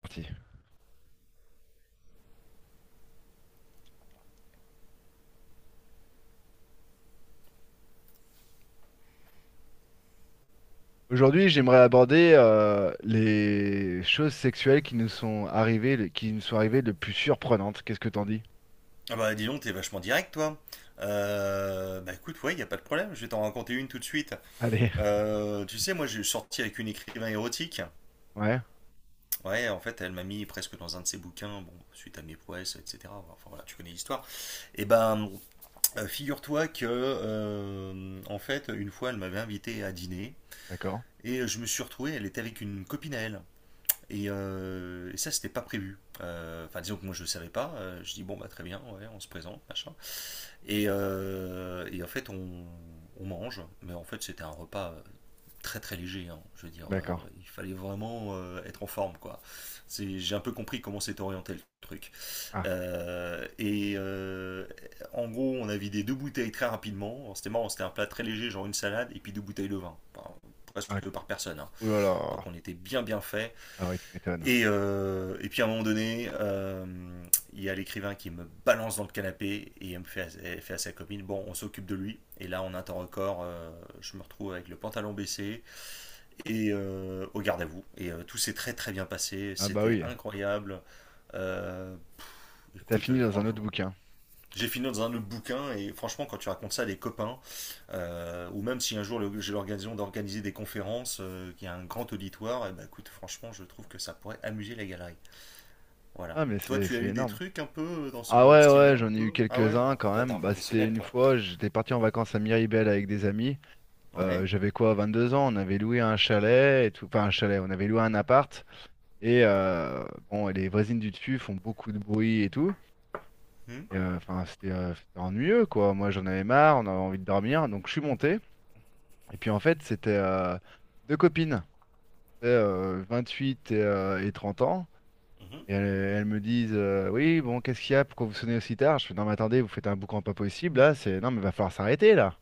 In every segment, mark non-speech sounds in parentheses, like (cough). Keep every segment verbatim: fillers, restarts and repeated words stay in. Parti. Aujourd'hui, j'aimerais aborder euh, les choses sexuelles qui nous sont arrivées, le- qui nous sont arrivées de plus surprenantes. Qu'est-ce que t'en dis? Ah bah dis donc, t'es vachement direct toi. Euh, bah écoute, ouais, y a pas de problème, je vais t'en raconter une tout de suite. Allez, Euh, tu sais, moi j'ai sorti avec une écrivain érotique. ouais, Ouais, en fait, elle m'a mis presque dans un de ses bouquins, bon, suite à mes prouesses, et cetera. Enfin voilà, tu connais l'histoire. Et ben, euh, figure-toi que, euh, en fait, une fois, elle m'avait invité à dîner, d'accord, et je me suis retrouvé, elle était avec une copine à elle. Et, euh, et ça, c'était pas prévu. Euh, Enfin, disons que moi, je savais pas. Euh, je dis, bon, bah très bien, ouais, on se présente, machin. Et, euh, et en fait, on, on mange, mais en fait, c'était un repas euh, très très léger, hein. Je veux dire, euh, d'accord. il fallait vraiment euh, être en forme, quoi. C'est- J'ai un peu compris comment s'est orienté le truc. Ah, Euh, et euh, en gros, on a vidé deux bouteilles très rapidement. Alors, c'était marrant, c'était un plat très léger, genre une salade, et puis deux bouteilles de vin. Enfin, ah, presque par personne, hein. oh là Donc là. on était bien bien fait. Ah oui, tu m'étonnes. Et, euh, et puis à un moment donné, euh, il y a l'écrivain qui me balance dans le canapé et elle me fait, à- elle fait à sa copine, bon, on s'occupe de lui. Et là, on en un temps record, euh, je me retrouve avec le pantalon baissé et euh, au garde à vous. Et euh, tout s'est très très bien passé, Ah bah c'était oui. incroyable. Euh, Et t'as écoute, fini euh, dans un autre franchement, bouquin. j'ai fini dans un autre bouquin et franchement, quand tu racontes ça à des copains, euh, ou même si un jour j'ai l'occasion d'organiser des conférences, euh, qu'il y a un grand auditoire, eh ben, écoute, franchement, je trouve que ça pourrait amuser la galerie. Voilà. Ah mais Toi, c'est tu as c'est eu des énorme. trucs un peu dans Ah ce ouais, ouais, style-là, un j'en ai eu peu? Ah ouais. quelques-uns quand Toi, t'es un même. Bah c'était professionnel, une toi. fois, j'étais parti en vacances à Miribel avec des amis. Euh, Ouais. J'avais quoi, vingt-deux ans, on avait loué un chalet et tout. Enfin un chalet, on avait loué un appart. Et euh, bon, et les voisines du dessus font beaucoup de bruit et tout. Hmm. Et, euh, enfin, c'était euh, c'était ennuyeux, quoi. Moi, j'en avais marre, on avait envie de dormir. Donc, je suis monté. Et puis, en fait, c'était euh, deux copines, c'était, euh, vingt-huit et, euh, et trente ans. Mhm. Et elles, elles me disent, euh, oui, bon, qu'est-ce qu'il y a? Pourquoi vous sonnez aussi tard? Je fais, non, mais attendez, vous faites un boucan pas possible, là. C'est... Non, mais va falloir s'arrêter, là,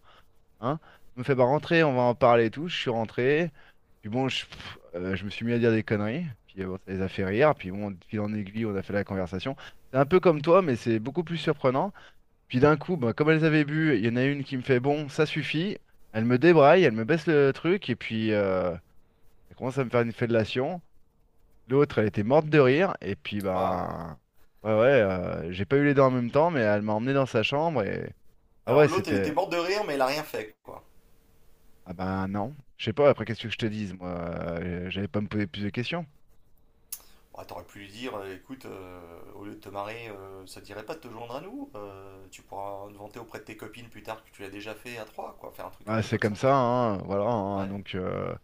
hein. Il me fait, bah rentrer, on va en parler et tout. Je suis rentré. Puis bon, je, pff, euh, je me suis mis à dire des conneries. Puis euh, bon, ça les a fait rire. Puis bon, de fil en aiguille, on a fait la conversation. C'est un peu comme toi, mais c'est beaucoup plus surprenant. Puis d'un coup, bah, comme elles avaient bu, il y en a une qui me fait, bon, ça suffit. Elle me débraille, elle me baisse le truc. Et puis euh, elle commence à me faire une fellation. L'autre, elle était morte de rire. Et puis Waouh. bah, ouais, ouais, euh, j'ai pas eu les deux en même temps, mais elle m'a emmené dans sa chambre et ah Alors, ouais, l'autre, elle était c'était. morte de rire, mais elle a rien fait, quoi. Ah bah non. Je sais pas, après qu'est-ce que je te dise, moi, euh, j'allais pas me poser plus de questions. Bah, t'aurais pu lui dire, euh, écoute, euh, au lieu de te marrer, euh, ça te dirait pas de te joindre à nous? Euh, Tu pourras te vanter auprès de tes copines plus tard que tu l'as déjà fait à trois, quoi. Faire un truc un Bah, peu c'est comme comme ça. ça, hein, voilà, hein, Ouais. donc euh,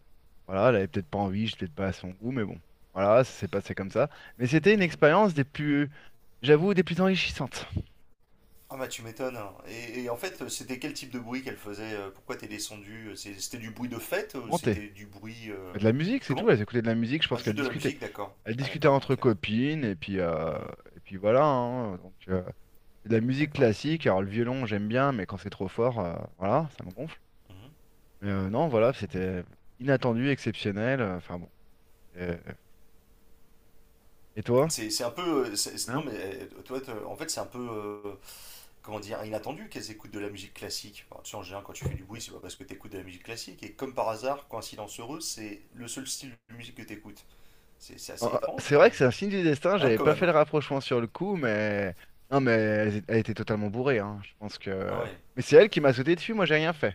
voilà, elle avait peut-être pas envie, j'étais peut-être pas à son goût, mais bon, voilà, ça s'est passé comme ça. Mais c'était une Mhm. expérience des plus, j'avoue, des plus enrichissantes. Ah bah tu m'étonnes, hein. Et, et en fait, c'était quel type de bruit qu'elle faisait? Pourquoi t'es descendu? C'est- C'était du bruit de fête ou Montée. c'était du bruit... euh, De la musique, c'est Comment? tout, elle écoutait de la musique, je Ah, pense qu'elle juste de la discutait. musique, d'accord. Elle Ah, discutait d'accord, entre ok. copines, et puis, euh, Mhm, et puis voilà, hein, donc euh, c'est de la musique d'accord. classique, alors le violon j'aime bien, mais quand c'est trop fort, euh, voilà, ça me gonfle. Mhm. Mais euh, non, voilà, c'était inattendu, exceptionnel, euh, enfin bon. Euh, et toi? C'est c'est un peu, euh, c'est- c'est- non, Hein? mais euh, toi, te- en fait, c'est un peu, euh, comment dire? Inattendu qu'elles écoutent de la musique classique. Enfin, tu sais, en général, quand tu fais du bruit, c'est pas parce que t'écoutes de la musique classique. Et comme par hasard, coïncidence heureuse, c'est le seul style de musique que t'écoutes. C'est c'est assez Ah, ah, étrange c'est quand vrai que même. c'est un signe du destin, Hein, j'avais quand pas fait même. le rapprochement sur le coup, mais. Non, mais elle, é- elle était totalement bourrée, hein. Je pense Ah que. ouais. Mais c'est elle qui m'a sauté dessus, moi j'ai rien fait.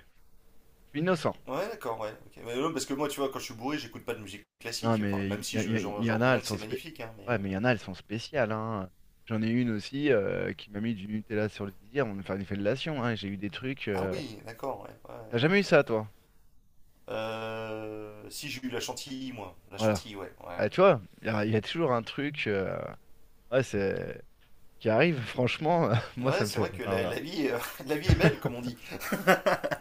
Je suis innocent. Ouais, d'accord, ouais, ok. Mais non, parce que moi, tu vois, quand je suis bourré, j'écoute pas de musique Non, classique. Enfin, mais il même y, si je- y- j'en y- y j'en en a. conviens elles que sont c'est spé- magnifique, hein, mais. Ouais, euh, mais il y en a, elles sont spéciales, hein. J'en ai une aussi euh, qui m'a mis du Nutella sur le désir, on enfin, une fellation, hein. J'ai eu des trucs. Ah euh, oui, d'accord, ouais, ouais. T'as jamais eu ça, toi? Euh, si j'ai eu la chantilly, moi. La Voilà. chantilly, ouais. Ouais, Ah, tu vois, il y, a il y a toujours un truc, euh, ouais, c'est... qui arrive, franchement, (laughs) moi ça ouais me c'est fait. vrai que Enfin la, voilà. la vie, euh, (laughs) la vie est belle, comme on dit.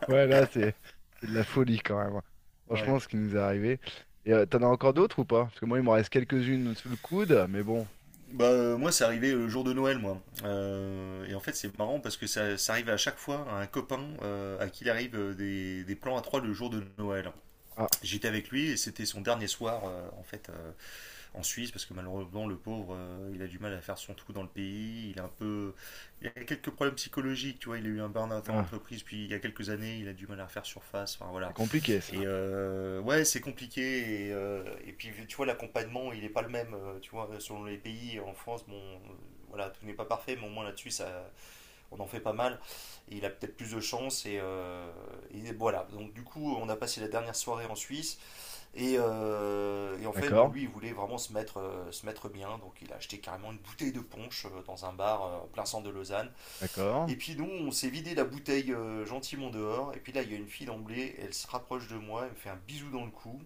Ouais, là, c'est c'est de la folie quand même. Franchement, Ouais. ce qui nous est arrivé. Et euh, t'en as encore d'autres ou pas? Parce que moi, il m'en reste quelques-unes sous le coude, mais bon. Bah, euh, moi, c'est arrivé le jour de Noël, moi. Euh, et en fait, c'est marrant parce que ça, ça arrive à chaque fois à un copain euh, à qui il arrive euh, des, des plans à trois le jour de Noël. Ah, J'étais avec lui et c'était son dernier soir euh, en fait euh, en Suisse parce que malheureusement le pauvre euh, il a du mal à faire son trou dans le pays. Il a un peu, il a quelques problèmes psychologiques, tu vois. Il a eu un burn-out en ah, entreprise, puis il y a quelques années il a du mal à refaire surface. Enfin c'est voilà. compliqué ça. Et euh, ouais, c'est compliqué. Et, euh, et puis, tu vois, l'accompagnement, il n'est pas le même. euh, Tu vois, selon les pays, en France, bon, euh, voilà, tout n'est pas parfait, mais au moins là-dessus, ça, on en fait pas mal. Et il a peut-être plus de chance. Et, euh, et voilà. Donc, du coup, on a passé la dernière soirée en Suisse. Et, euh, et en fait, bon, D'accord, lui, il voulait vraiment se mettre, euh, se mettre bien. Donc, il a acheté carrément une bouteille de punch euh, dans un bar euh, en plein centre de Lausanne. d'accord. Et puis nous, on s'est vidé la bouteille euh, gentiment dehors. Et puis là, il y a une fille d'emblée, elle se rapproche de moi, elle me fait un bisou dans le cou.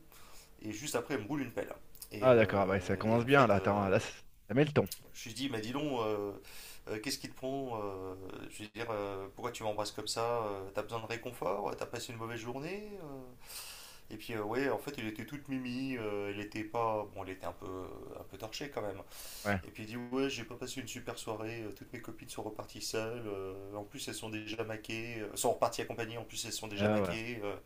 Et juste après, elle me roule une pelle. Et, Ah, d'accord, bah, ça euh, et commence en bien fait, là. Attends, euh, là, c- ça met le ton. je lui dis, mais dis donc, euh, euh, qu'est-ce qui te prend? euh, Je veux dire, euh, pourquoi tu m'embrasses comme ça? Euh, T'as besoin de réconfort? T'as passé une mauvaise journée? Euh, Et puis, euh, ouais, en fait, elle était toute mimi. euh, elle était pas. Bon, elle était un peu, un peu torchée quand même, hein. Ouais, Et puis il dit, ouais, j'ai pas passé une super soirée, euh, toutes mes copines sont reparties seules, euh, en plus elles sont déjà maquées, euh, sont reparties accompagnées, en plus elles sont déjà euh, voilà. maquées, euh,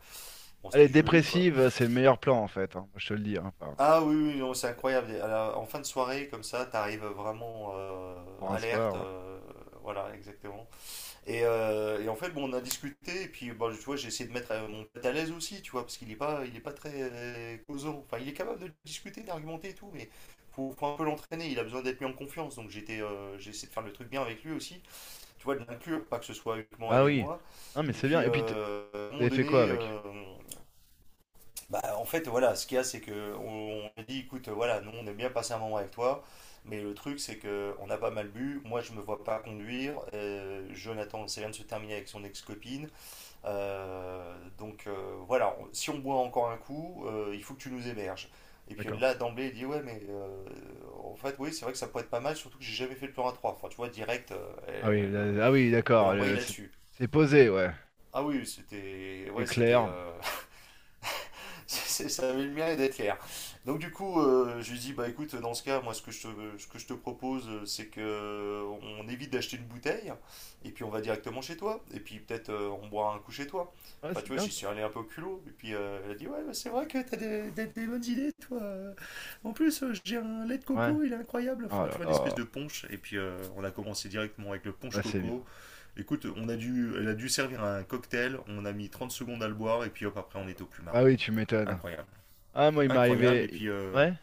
bon c'était Allez, joli quoi. dépressive, c'est le meilleur plan en fait, hein. Moi, je te le dis, hein. Enfin, Ah oui, oui, non, c'est incroyable. À la- en fin de soirée comme ça, t'arrives vraiment euh, pour un alerte, soir. euh. euh, voilà, exactement. Et, euh, et en fait, bon, on a discuté, et puis bon, tu vois, j'ai essayé de mettre euh, mon pote à l'aise aussi, tu vois, parce qu'il n'est pas, il est pas très euh, causant. Enfin, il est capable de discuter, d'argumenter et tout, mais faut, faut un peu l'entraîner, il a besoin d'être mis en confiance. Donc j'étais, euh, j'ai essayé de faire le truc bien avec lui aussi, tu vois, de l'inclure, pas que ce soit uniquement Bah elle et oui. moi. Non, mais Et c'est bien. puis, Et puis, t- euh, à un vous moment avez fait quoi donné, avec? euh, bah, en fait, voilà, ce qu'il y a, c'est que on, on dit, écoute, voilà, nous, on aime bien passer un moment avec toi, mais le truc, c'est que on a pas mal bu. Moi, je me vois pas conduire. euh, Jonathan, ça vient de se terminer avec son ex-copine. euh, donc, euh, voilà, on- si on boit encore un coup, euh, il faut que tu nous héberges. Et puis D'accord. là, d'emblée, il dit, ouais, mais euh, en fait, oui, c'est vrai que ça pourrait être pas mal, surtout que j'ai jamais fait le plan à trois. Enfin, tu vois, direct, euh, Ah elle, oui, elle, euh, là- ah oui, elle d'accord. embraye le- C'est là-dessus. c'est posé, ouais. Ah oui, c'était, C'est ouais, c'était, clair. euh, (laughs) ça avait le mérite d'être clair. Donc du coup, euh, je lui dis, bah écoute, dans ce cas, moi ce que je te, ce que je te propose, euh, c'est que euh, on évite d'acheter une bouteille, et puis on va directement chez toi, et puis peut-être euh, on boira un coup chez toi. Ouais, Enfin c'est tu vois, bien j'y ça. suis allé un peu au culot, et puis euh, elle a dit, ouais, bah, c'est vrai que t'as des, des, des bonnes idées, toi. En plus, euh, j'ai un lait de Ouais. coco, il est incroyable. Ah Enfin tu là vois, une espèce là, de punch, et puis euh, on a commencé directement avec le punch bah c'est bien. coco. Écoute, on a dû, elle a dû servir un cocktail, on a mis trente secondes à le boire, et puis hop, après Oh on là là. était au Bah plumard. oui, tu m'étonnes. Incroyable. Ah moi il m'est Incroyable. arrivé. Et i- puis, euh, Ouais,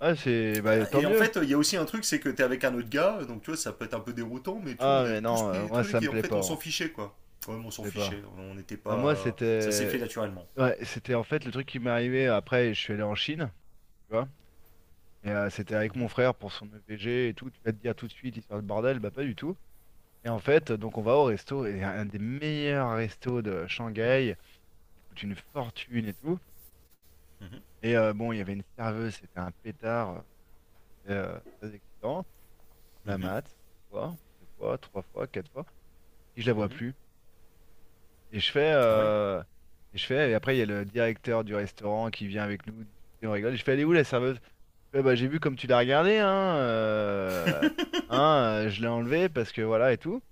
ouais c'est bah tant et en mieux. fait, il y a aussi un truc, c'est que t'es avec un autre gars, donc tu vois, ça peut être un peu déroutant, mais tu vois, Ah on avait mais tous non, pris euh, des moi ça trucs me et en plaît fait, pas, on s'en hein. fichait, quoi. Quand même, on Ça me s'en plaît fichait. pas. On n'était Bah moi pas. Ça s'est c'était, fait naturellement. ouais, c'était en fait le truc qui m'est arrivé après je suis allé en Chine, tu vois. Et euh, c'était avec Mhm, mon frère pour son E V G et tout, tu vas te dire tout de suite histoire de bordel, bah pas du tout. Et en fait, donc on va au resto et un des meilleurs restos de Shanghai, qui coûte une fortune et tout. mhm, Et euh, bon, il y avait une serveuse, c'était un pétard, euh, c'était, euh, très excitant. Je la mhm, mate, une fois, deux fois, trois fois, quatre fois, puis je la vois mhm. plus. Et je fais, Ah ouais euh, et je fais, et après il y a le directeur du restaurant qui vient avec nous discuter, on rigole. Je fais, elle est où la serveuse? Il fait, bah j'ai vu comme tu l'as regardée, hein, euh, hein, euh, je l'ai enlevée parce que voilà et tout.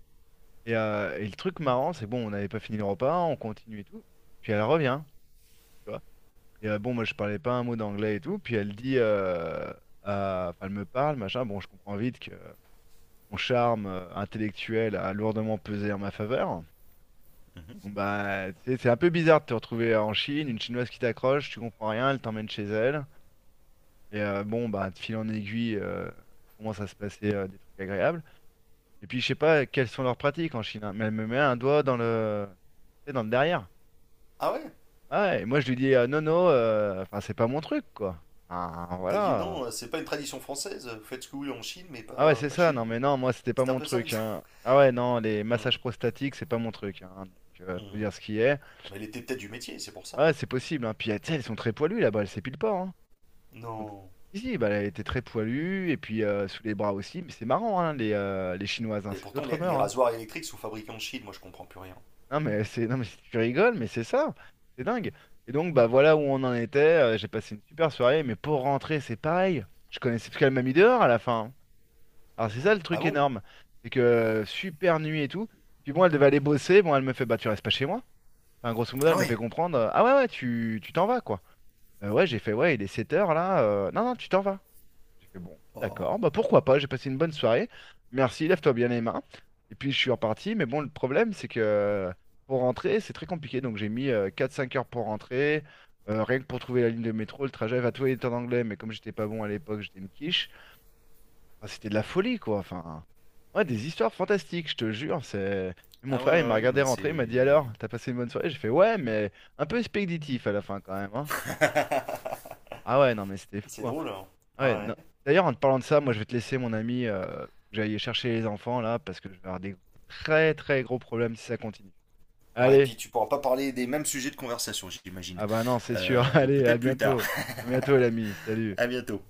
Et, euh, et le truc marrant, c'est bon, on n'avait pas fini le repas, on continue et tout. Puis elle revient, tu vois. Et euh, bon, moi je parlais pas un mot d'anglais et tout. Puis elle dit, euh, à- enfin, elle me parle, machin. Bon, je comprends vite que mon charme euh, intellectuel a lourdement pesé en ma faveur. mhm. Bon, bah, tu c'est un peu bizarre de te retrouver en Chine, une Chinoise qui t'accroche, tu comprends rien, elle t'emmène chez elle. Et euh, bon, bah, de fil en aiguille, euh, il commence à se passer euh, des trucs agréables. Et puis, je sais pas quelles sont leurs pratiques en Chine, hein, mais elle me met un doigt dans le, tu sais, dans le derrière. Ah ouais. Ah ouais, et moi, je lui dis, euh, non, non, euh, enfin, c'est pas mon truc, quoi. Ah, T'as dit voilà. non, c'est pas une tradition française. Vous faites ce que vous voulez en Chine, mais Ah ouais, pas, c'est pas ça, chez non, nous. mais non, moi, c'était pas C'était un mon peu ça truc, l'idée. hein. Ah ouais, non, les Mhm, massages prostatiques, c'est pas mon truc, hein. Donc, euh, faut mhm. dire ce qui est. Mais elle était peut-être du métier, c'est pour ça. Ouais, c'est possible, hein. Puis euh, tu sais, elles sont très poilues là-bas, elles s'épilent pas, hein. Donc, Non. si, si, bah, elle était très poilue, et puis euh, sous les bras aussi. Mais c'est marrant, hein, les, euh, les Chinoises, hein, Mais c'est pourtant, d'autres les, mœurs, les hein. rasoirs électriques sont fabriqués en Chine, moi je comprends plus rien. Non, mais c'est, non, mais tu rigoles, mais c'est ça, c'est dingue. Et donc, bah voilà où on en était. euh, j'ai passé une super soirée, mais pour rentrer, c'est pareil. Je connaissais parce qu'elle m'a mis dehors à la fin, hein. Alors, c'est ça le Ah truc bon? énorme, c'est que euh, super nuit et tout. Puis bon, elle devait aller bosser. Bon, elle me fait, bah tu restes pas chez moi. Enfin, grosso modo, Ah elle me ouais. fait comprendre, euh, ah ouais, ouais, tu tu t'en vas, quoi. Heu, ouais, j'ai fait: «Ouais, il est sept heures là, heu, non, non, tu t'en vas». J'ai fait: «Bon, Oh. d'accord, bah, pourquoi pas, j'ai passé une bonne soirée, merci, lève-toi bien les mains» et puis je suis reparti, mais bon, le problème, c'est que pour rentrer, c'est très compliqué, donc j'ai mis, euh, quatre, cinq heures pour rentrer, heu, rien que pour trouver la ligne de métro, le trajet, enfin, tout est en anglais, mais comme j'étais pas bon à l'époque, j'étais une quiche. Enfin, c'était de la folie, quoi, enfin, ouais, des histoires fantastiques, je te jure, c'est. Et mon Ah ouais, frère, il ouais, m'a ouais, regardé mais c'est. rentrer, il m'a dit: «Alors, t'as passé une bonne soirée?» J'ai fait: «Ouais, mais un peu expéditif à la fin quand même, hein». Ah ouais, non, mais c'était C'est fou, hein. drôle, hein. Ouais, Ouais. non. Ouais. D'ailleurs, en te parlant de ça, moi je vais te laisser, mon ami. euh, faut que j'aille chercher les enfants là, parce que je vais avoir des très très gros problèmes si ça continue. Ouais, et puis Allez, tu pourras pas parler des mêmes sujets de conversation, j'imagine. ah bah non, c'est sûr. (laughs) Euh, ou Allez, à peut-être plus tard. bientôt. (laughs) À bientôt, l'ami. Salut. À bientôt.